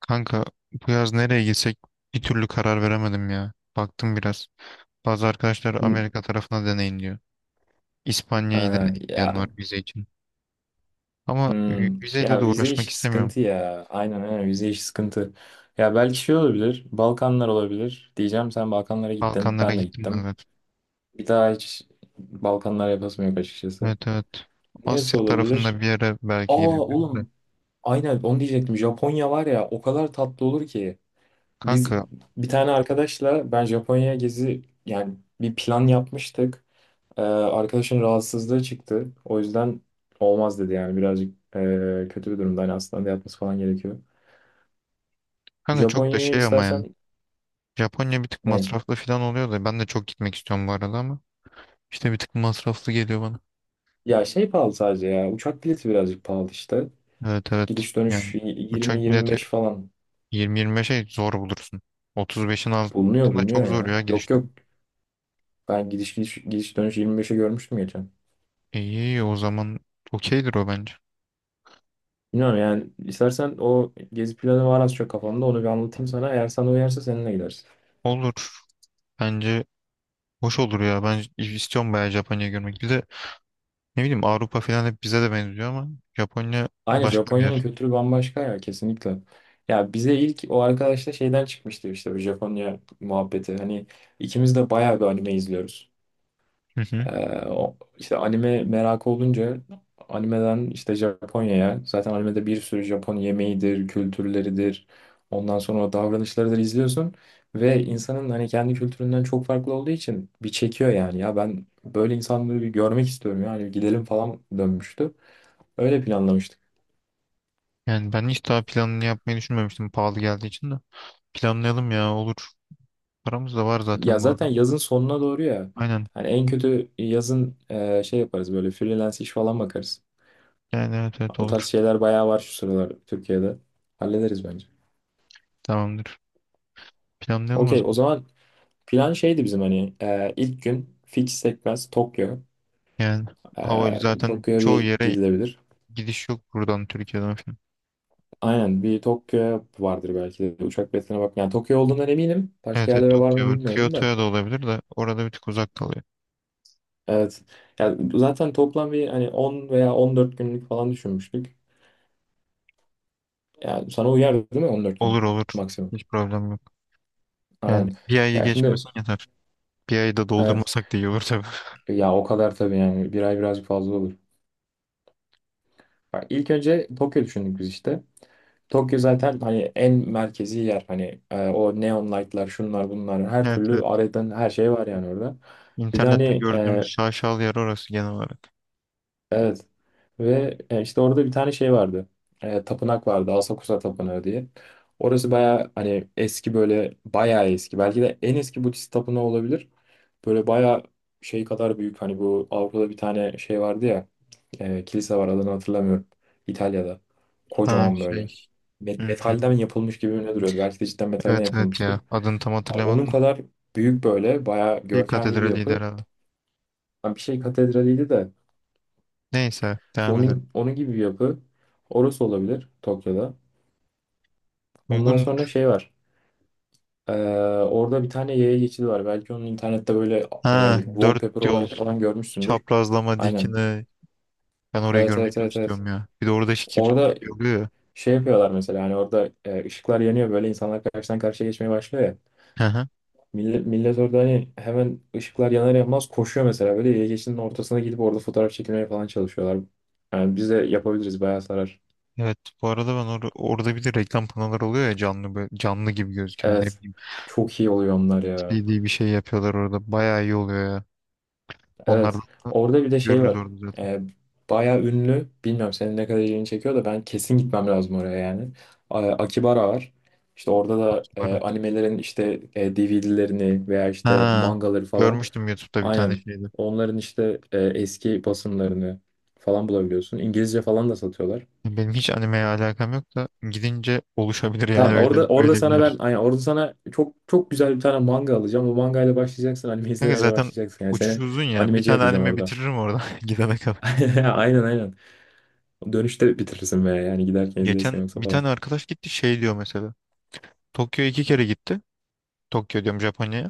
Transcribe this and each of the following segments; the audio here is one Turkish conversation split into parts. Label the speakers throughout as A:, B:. A: Kanka bu yaz nereye gitsek bir türlü karar veremedim ya. Baktım biraz. Bazı arkadaşlar
B: Hı.
A: Amerika tarafına deneyin diyor. İspanya'yı
B: Ha,
A: deneyin diyen var
B: ya.
A: vize için. Ama
B: Hmm,
A: vizeyle
B: ya
A: de
B: vize
A: uğraşmak
B: işi
A: istemiyorum.
B: sıkıntı ya. Aynen aynen, vize işi sıkıntı. Ya belki şey olabilir. Balkanlar olabilir. Diyeceğim, sen Balkanlara gittin.
A: Balkanlara
B: Ben de
A: gittim ben
B: gittim.
A: zaten.
B: Bir daha hiç Balkanlar yapasım yok açıkçası.
A: Evet evet.
B: Neresi
A: Asya tarafında
B: olabilir?
A: bir yere
B: Aa
A: belki gidebiliriz de.
B: oğlum, aynen onu diyecektim. Japonya var ya, o kadar tatlı olur ki. Biz
A: Kanka.
B: bir tane arkadaşla ben Japonya gezi yani bir plan yapmıştık. Arkadaşın rahatsızlığı çıktı. O yüzden olmaz dedi yani, birazcık kötü bir durumda. Hani hastanede yatması falan gerekiyor.
A: Kanka, çok da
B: Japonya'ya
A: şey ama yani.
B: istersen
A: Japonya bir tık
B: ne?
A: masraflı falan oluyor da ben de çok gitmek istiyorum bu arada ama. İşte bir tık masraflı geliyor bana.
B: Ya şey pahalı sadece ya. Uçak bileti birazcık pahalı işte.
A: Evet evet.
B: Gidiş dönüş
A: Yani uçak bileti
B: 20-25 falan
A: 20-25'e zor bulursun. 35'in
B: bulunuyor
A: altında çok
B: bulunuyor
A: zor
B: ya.
A: ya
B: Yok
A: gidiş
B: yok,
A: dönemi.
B: ben gidiş dönüş 25'e görmüştüm geçen.
A: İyi o zaman okeydir o bence.
B: Bilmiyorum yani, istersen o gezi planı var az çok kafamda, onu bir anlatayım sana. Eğer sana uyarsa seninle gidersin.
A: Olur. Bence hoş olur ya. Ben istiyorum bayağı Japonya'yı görmek. Bir de ne bileyim Avrupa falan hep bize de benziyor ama Japonya
B: Aynen,
A: başka bir
B: Japonya'nın
A: yer.
B: kültürü bambaşka ya, kesinlikle. Ya bize ilk o arkadaşla şeyden çıkmıştı işte, bu Japonya muhabbeti. Hani ikimiz de bayağı bir anime izliyoruz.
A: Hı hı.
B: O, işte anime merakı olunca animeden işte Japonya'ya, zaten animede bir sürü Japon yemeğidir, kültürleridir. Ondan sonra o davranışlarıdır izliyorsun ve insanın hani kendi kültüründen çok farklı olduğu için bir çekiyor yani. Ya ben böyle insanları bir görmek istiyorum yani, gidelim falan dönmüştü. Öyle planlamıştık.
A: Yani ben hiç daha planını yapmayı düşünmemiştim pahalı geldiği için de. Planlayalım ya olur. Paramız da var
B: Ya
A: zaten bu arada.
B: zaten yazın sonuna doğru ya.
A: Aynen.
B: Hani en kötü yazın şey yaparız böyle, freelance iş falan bakarız.
A: Yani evet evet
B: O tarz
A: olur.
B: şeyler bayağı var şu sıralar Türkiye'de. Hallederiz bence.
A: Tamamdır. Planlayalım o
B: Okey, o
A: zaman.
B: zaman plan şeydi bizim, hani ilk gün fix sekmez Tokyo.
A: Yani hava zaten
B: Tokyo'ya
A: çoğu
B: bir
A: yere
B: gidilebilir.
A: gidiş yok buradan Türkiye'den falan.
B: Aynen, bir Tokyo vardır belki de, uçak biletine bak. Yani Tokyo olduğundan eminim. Başka
A: Evet, evet
B: yerlere var
A: Tokyo
B: mı
A: var.
B: bilmiyorum da.
A: Kyoto'ya da olabilir de orada bir tık uzak kalıyor.
B: Evet. Yani zaten toplam bir hani 10 veya 14 günlük falan düşünmüştük. Yani sana uyar değil mi, 14
A: Olur
B: gün
A: olur.
B: maksimum?
A: Hiç problem yok. Yani
B: Aynen.
A: bir ayı
B: Ya şimdi
A: geçmesin yeter. Bir ayı da
B: evet,
A: doldurmasak da iyi olur tabii.
B: ya o kadar tabii yani, bir ay birazcık fazla olur. Bak, ilk önce Tokyo düşündük biz işte. Tokyo zaten hani en merkezi yer, hani o neon light'lar, şunlar bunlar, her
A: Evet
B: türlü
A: evet.
B: aradan her şey var yani orada. Bir de
A: İnternette
B: hani
A: gördüğümüz şaşalı yer orası genel olarak.
B: Evet. Ve işte orada bir tane şey vardı. Tapınak vardı, Asakusa Tapınağı diye. Orası bayağı hani eski, böyle bayağı eski. Belki de en eski Budist tapınağı olabilir. Böyle bayağı şey kadar büyük. Hani bu Avrupa'da bir tane şey vardı ya. Kilise var, adını hatırlamıyorum. İtalya'da.
A: Ha
B: Kocaman
A: şey.
B: böyle.
A: Hmm,
B: Metalden yapılmış gibi ne duruyordu. Belki de cidden metalden
A: evet evet ya.
B: yapılmıştır.
A: Adını tam
B: Onun
A: hatırlamadım da.
B: kadar büyük, böyle bayağı
A: Bir
B: görkemli bir
A: katedraliydi
B: yapı.
A: herhalde.
B: Yani bir şey katedraliydi de.
A: Neyse
B: İşte
A: devam edelim.
B: onun gibi bir yapı. Orası olabilir Tokyo'da. Ondan
A: Uygun.
B: sonra şey var. Ee, orada bir tane yaya geçidi var. Belki onu internette böyle
A: Ha dört
B: wallpaper
A: yol
B: olarak falan görmüşsündür.
A: çaprazlama
B: Aynen.
A: dikine. Ben orayı
B: Evet
A: görmeyi
B: evet
A: çok
B: evet evet.
A: istiyorum ya. Bir de orada şekil
B: Orada
A: şey oluyor
B: şey yapıyorlar mesela, hani orada ışıklar yanıyor böyle, insanlar karşıdan karşıya geçmeye başlıyor ya.
A: ya.
B: Millet orada hani hemen ışıklar yanar yanmaz koşuyor mesela, böyle yaya geçidinin ortasına gidip orada fotoğraf çekilmeye falan çalışıyorlar. Yani biz de yapabiliriz, bayağı sarar.
A: Evet bu arada ben orada bir de reklam panoları oluyor ya canlı böyle, canlı gibi gözüken ne
B: Evet.
A: bileyim
B: Çok iyi oluyor onlar ya.
A: 3D bir şey yapıyorlar orada bayağı iyi oluyor ya. Onları
B: Evet.
A: da
B: Orada bir de şey
A: görürüz
B: var.
A: orada zaten
B: Ee, bayağı ünlü. Bilmiyorum senin ne kadar ilgini çekiyor da, ben kesin gitmem lazım oraya yani. Akibara var. İşte orada da
A: sonra.
B: animelerin işte DVD'lerini veya işte
A: Ha
B: mangaları falan.
A: görmüştüm YouTube'da bir tane
B: Aynen.
A: şeydi.
B: Onların işte eski basımlarını falan bulabiliyorsun. İngilizce falan da satıyorlar.
A: Benim hiç animeye alakam yok da gidince oluşabilir yani
B: Tamam,
A: öyle
B: orada orada
A: öyle bir
B: sana ben
A: yer.
B: aynen orada sana çok çok güzel bir tane manga alacağım. O mangayla başlayacaksın, anime
A: Kanka
B: izlemeye de
A: zaten
B: başlayacaksın. Yani
A: uçuş
B: seni
A: uzun ya bir
B: animeci
A: tane
B: yapacağım
A: anime
B: orada.
A: bitiririm orada gidene kadar.
B: Aynen aynen. Dönüşte bitirirsin veya yani giderken izleyesin
A: Geçen
B: yoksa
A: bir
B: falan.
A: tane arkadaş gitti şey diyor mesela. Tokyo'ya iki kere gitti. Tokyo diyorum Japonya'ya.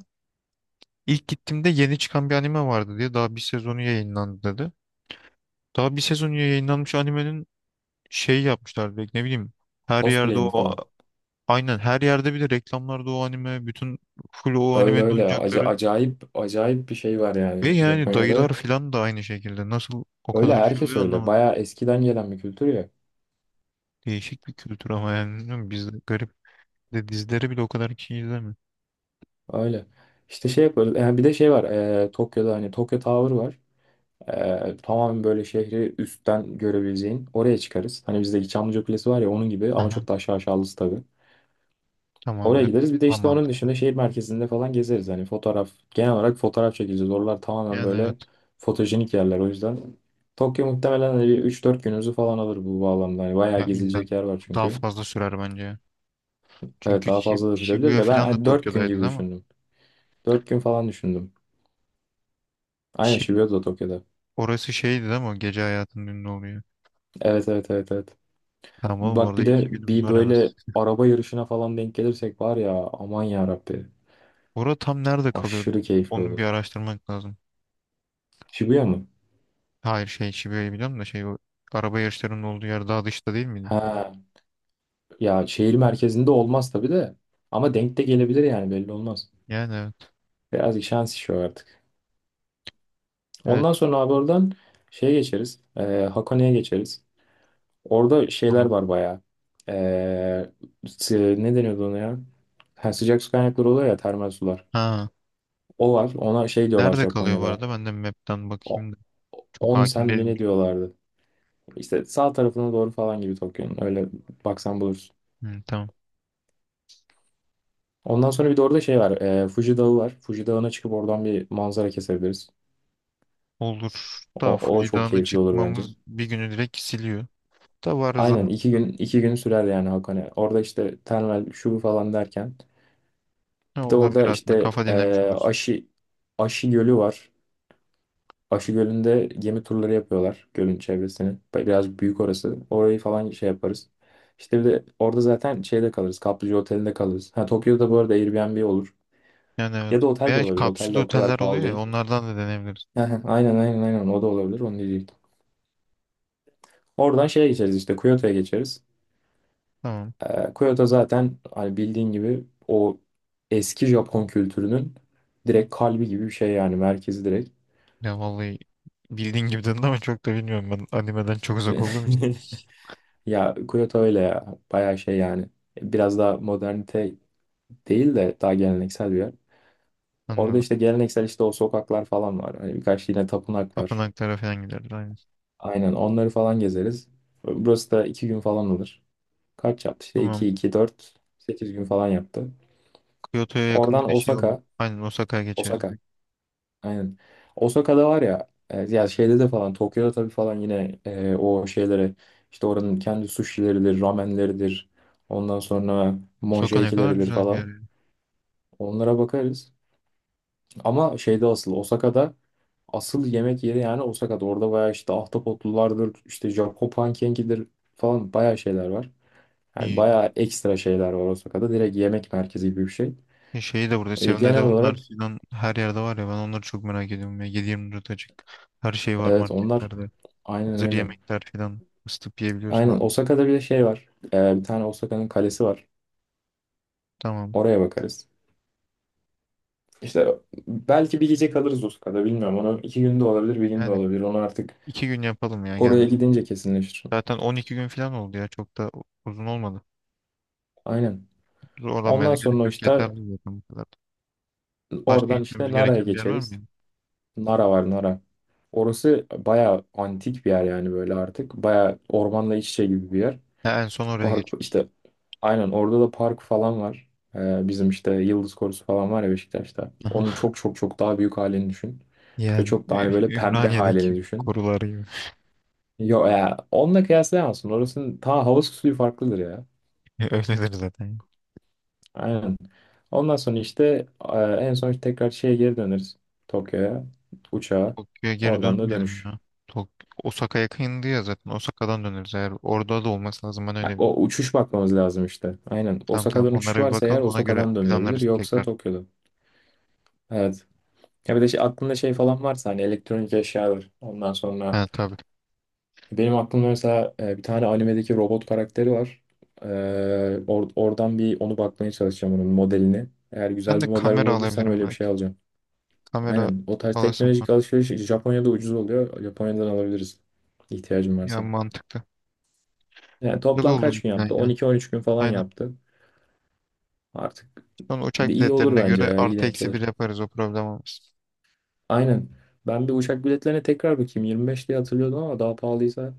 A: İlk gittiğimde yeni çıkan bir anime vardı diye daha bir sezonu yayınlandı dedi. Daha bir sezonu yayınlanmış animenin şeyi yapmışlar direkt ne bileyim. Her yerde
B: Cosplay'ini
A: o
B: falan.
A: aynen her yerde bir de reklamlarda o anime bütün full o
B: Öyle
A: animenin
B: öyle.
A: oyuncakları.
B: Acayip acayip bir şey var
A: Ve
B: yani
A: yani
B: Japonya'da.
A: dayılar filan da aynı şekilde nasıl o
B: Öyle
A: kadar şey
B: herkes
A: oluyor
B: öyle.
A: anlamadım.
B: Bayağı eskiden gelen bir kültür ya.
A: Değişik bir kültür ama yani bilmiyorum bizde garip de dizileri bile o kadar kişi izlemiyor.
B: Öyle. İşte şey yaparız. Yani bir de şey var. Tokyo'da hani Tokyo Tower var. Tamamen böyle şehri üstten görebileceğin, oraya çıkarız. Hani bizdeki Çamlıca Kulesi var ya, onun gibi ama
A: Aha,
B: çok da aşağı aşağılısı tabii. Oraya
A: tamamdır.
B: gideriz. Bir de işte
A: Aman.
B: onun dışında şehir merkezinde falan gezeriz. Hani fotoğraf, genel olarak fotoğraf çekeceğiz. Oralar tamamen
A: Yani evet.
B: böyle fotojenik yerler. O yüzden Tokyo muhtemelen hani bir üç dört günümüzü falan alır bu bağlamda. Hani bayağı
A: Ya illa
B: gezilecek yer var
A: daha
B: çünkü.
A: fazla sürer bence ya.
B: Evet,
A: Çünkü
B: daha fazla da sürebilir
A: Shibuya
B: de, ben
A: filan da
B: hani 4 gün
A: Tokyo'daydı
B: gibi
A: değil mi?
B: düşündüm. 4 gün falan düşündüm. Aynen,
A: Şip
B: Shibuya da Tokyo'da.
A: Orası şeydi değil mi? O gece hayatının ünlü oluyor.
B: Evet evet evet evet.
A: Tamam oğlum
B: Bak,
A: orada
B: bir de
A: 2 günümüz
B: bir
A: var en
B: böyle
A: az.
B: araba yarışına falan denk gelirsek var ya, aman ya Rabbi,
A: Orada tam nerede kalıyordu?
B: aşırı keyifli
A: Onun
B: olur.
A: bir araştırmak lazım.
B: Shibuya mı?
A: Hayır şey Şibu'yu biliyorum da şey o araba yarışlarının olduğu yer daha dışta değil miydi?
B: Ha ya, şehir merkezinde olmaz tabii de, ama denk de gelebilir yani, belli olmaz.
A: Yani evet.
B: Birazcık şans işi o artık.
A: Evet
B: Ondan sonra abi oradan şeye geçeriz. Hakone'ye geçeriz. Orada şeyler
A: tamam.
B: var bayağı. E, ne deniyordu ona ya? Ha, sıcak su kaynakları oluyor ya, termal sular.
A: Ha.
B: O var. Ona şey diyorlar
A: Nerede kalıyor bu
B: Japonya'da.
A: arada? Ben de map'ten
B: O-
A: bakayım da. Çok
B: 10
A: hakim
B: sen mi
A: değilim
B: ne
A: çünkü.
B: diyorlardı? İşte sağ tarafına doğru falan gibi Tokyo'nun. Öyle baksan bulursun.
A: Hı, tamam.
B: Ondan sonra bir de orada şey var. Fuji Dağı var. Fuji Dağı'na çıkıp oradan bir manzara kesebiliriz.
A: Olur da
B: O
A: Fuji
B: çok
A: Dağı'na
B: keyifli olur bence.
A: çıkmamız bir günü direkt siliyor. Da var
B: Aynen,
A: zaman.
B: iki gün iki gün sürer yani Hakone. Orada işte termal şu bu falan derken.
A: Ne
B: Bir de
A: olabilir
B: orada
A: aslında
B: işte
A: kafa dinlemiş oluruz.
B: Aşı Aşı Gölü var. Aşı Gölü'nde gemi turları yapıyorlar, gölün çevresini. Biraz büyük orası. Orayı falan şey yaparız. İşte bir de orada zaten şeyde kalırız, Kaplıca Oteli'nde kalırız. Ha, Tokyo'da bu arada Airbnb olur.
A: Yani evet.
B: Ya da otel de
A: Veya
B: olabilir. Otel
A: kapsül
B: de o kadar
A: oteller
B: pahalı
A: oluyor ya
B: değil.
A: onlardan da deneyebiliriz.
B: Hı hı, aynen aynen aynen, o da olabilir. Onu diyecektim. Oradan şeye geçeriz, işte Kyoto'ya geçeriz.
A: Tamam.
B: Kyoto zaten hani bildiğin gibi o eski Japon kültürünün direkt kalbi gibi bir şey yani, merkezi direkt.
A: Ya vallahi bildiğin gibi dedin ama çok da bilmiyorum ben animeden çok uzak olduğum için.
B: Ya Kyoto öyle ya, bayağı şey yani biraz daha modernite değil de, daha geleneksel bir yer. Orada
A: Anladım.
B: işte geleneksel, işte o sokaklar falan var. Hani birkaç yine tapınak var.
A: Tapınaklara falan gideriz aynen.
B: Aynen, onları falan gezeriz. Burası da iki gün falan olur. Kaç yaptı? İşte
A: Tamam.
B: 2 2 dört, 8 gün falan yaptı.
A: Kyoto'ya yakın bir
B: Oradan
A: de şey oldu.
B: Osaka.
A: Aynen Osaka'ya geçeriz
B: Osaka.
A: direkt.
B: Aynen. Osaka'da var ya, ya şeyde de falan Tokyo'da tabii falan, yine o şeylere işte, oranın kendi sushi'leridir, ramenleridir. Ondan sonra
A: Osaka ne kadar
B: monkey'leridir
A: güzel bir yer
B: falan.
A: ya.
B: Onlara bakarız. Ama şeyde asıl Osaka'da, asıl yemek yeri yani Osaka'da. Orada bayağı işte ahtapotlulardır, işte Japon pankekidir falan, bayağı şeyler var. Yani
A: İyi.
B: bayağı ekstra şeyler var Osaka'da. Direkt yemek merkezi gibi bir şey.
A: Şeyi de burada Seven
B: Genel olarak
A: Eleven'lar falan her yerde var ya ben onları çok merak ediyorum ya. 7-24 açık. Her şey var
B: evet, onlar
A: marketlerde.
B: aynen
A: Hazır
B: öyle.
A: yemekler falan. Isıtıp yiyebiliyorsun abi.
B: Aynen, Osaka'da bir de şey var. Bir tane Osaka'nın kalesi var.
A: Tamam.
B: Oraya bakarız. İşte belki bir gece kalırız Osaka'da, bilmiyorum. Onu iki günde olabilir, bir günde
A: Yani
B: olabilir. Onu artık
A: 2 gün yapalım ya
B: oraya
A: gelmiş.
B: gidince kesinleşir.
A: Zaten 12 gün falan oldu ya çok da uzun olmadı.
B: Aynen.
A: Zorlanmaya da
B: Ondan
A: gerek
B: sonra
A: yok.
B: işte
A: Yeterli zaten bu kadar. Başka
B: oradan işte
A: gitmemiz
B: Nara'ya
A: gereken bir yer var
B: geçeriz.
A: mıydı?
B: Nara var Nara. Orası bayağı antik bir yer yani böyle artık. Bayağı ormanla iç içe gibi bir yer.
A: Ha, en son oraya
B: Park
A: geçiyoruz.
B: işte, aynen orada da park falan var. Bizim işte Yıldız Korusu falan var ya Beşiktaş'ta. Onun
A: Aha.
B: çok çok çok daha büyük halini düşün. Ve
A: Yani
B: çok daha hani böyle pembe halini
A: Ümraniye'deki
B: düşün.
A: korular gibi.
B: Yok ya, onunla kıyaslayamazsın. Orasının ta havası suyu farklıdır ya.
A: Öyledir zaten.
B: Aynen. Ondan sonra işte en son işte, tekrar şeye geri döneriz. Tokyo'ya. Uçağa.
A: Tokyo'ya geri
B: Oradan da
A: dönmeyelim
B: dönüş.
A: ya. Tok Osaka yakındı ya zaten. Osaka'dan döneriz eğer. Orada da olması lazım. Ben öyle
B: Ha,
A: biliyorum.
B: o uçuş bakmamız lazım işte. Aynen.
A: Tamam tamam.
B: Osaka'dan uçuş
A: Onlara bir
B: varsa eğer,
A: bakalım. Ona göre
B: Osaka'dan dönülebilir.
A: planlarız
B: Yoksa
A: tekrar.
B: Tokyo'da. Evet. Ya bir de şey, aklında şey falan varsa hani elektronik eşyalar. Ondan sonra
A: Ha tabii.
B: benim aklımda mesela bir tane animedeki robot karakteri var. E, oradan bir onu bakmaya çalışacağım, onun modelini. Eğer
A: Ben
B: güzel
A: de
B: bir model
A: kamera
B: bulabilirsem
A: alabilirim
B: öyle bir şey
A: belki.
B: alacağım.
A: Kamera
B: Aynen. O tarz
A: alasım var.
B: teknolojik alışveriş Japonya'da ucuz oluyor. Japonya'dan alabiliriz, ihtiyacım
A: Ya
B: varsa.
A: mantıklı.
B: Yani
A: Güzel
B: toplam
A: oldu bu
B: kaç gün
A: plan
B: yaptı?
A: ya.
B: 12-13 gün falan
A: Aynen.
B: yaptı. Artık
A: Sonra uçak
B: de iyi olur
A: biletlerine
B: bence
A: göre
B: ya. İyi
A: artı
B: denk
A: eksi bir
B: gelir.
A: yaparız. O problem olmaz.
B: Aynen. Ben bir uçak biletlerine tekrar bakayım. 25 diye hatırlıyordum ama daha pahalıysa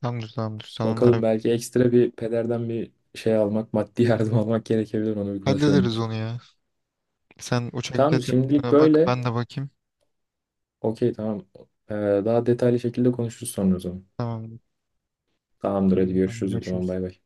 A: Tamamdır tamamdır. Sen onlara
B: bakalım, belki ekstra bir pederden bir şey almak, maddi yardım almak gerekebilir. Onu bir konuşurum.
A: hallederiz onu ya. Sen uçak
B: Tamam, şimdilik
A: biletlerine bak
B: böyle.
A: ben de bakayım.
B: Okey tamam. Ee, daha detaylı şekilde konuşuruz sonra o zaman.
A: Tamam.
B: Tamamdır, hadi
A: Tamam
B: görüşürüz o zaman,
A: görüşürüz.
B: bay bay.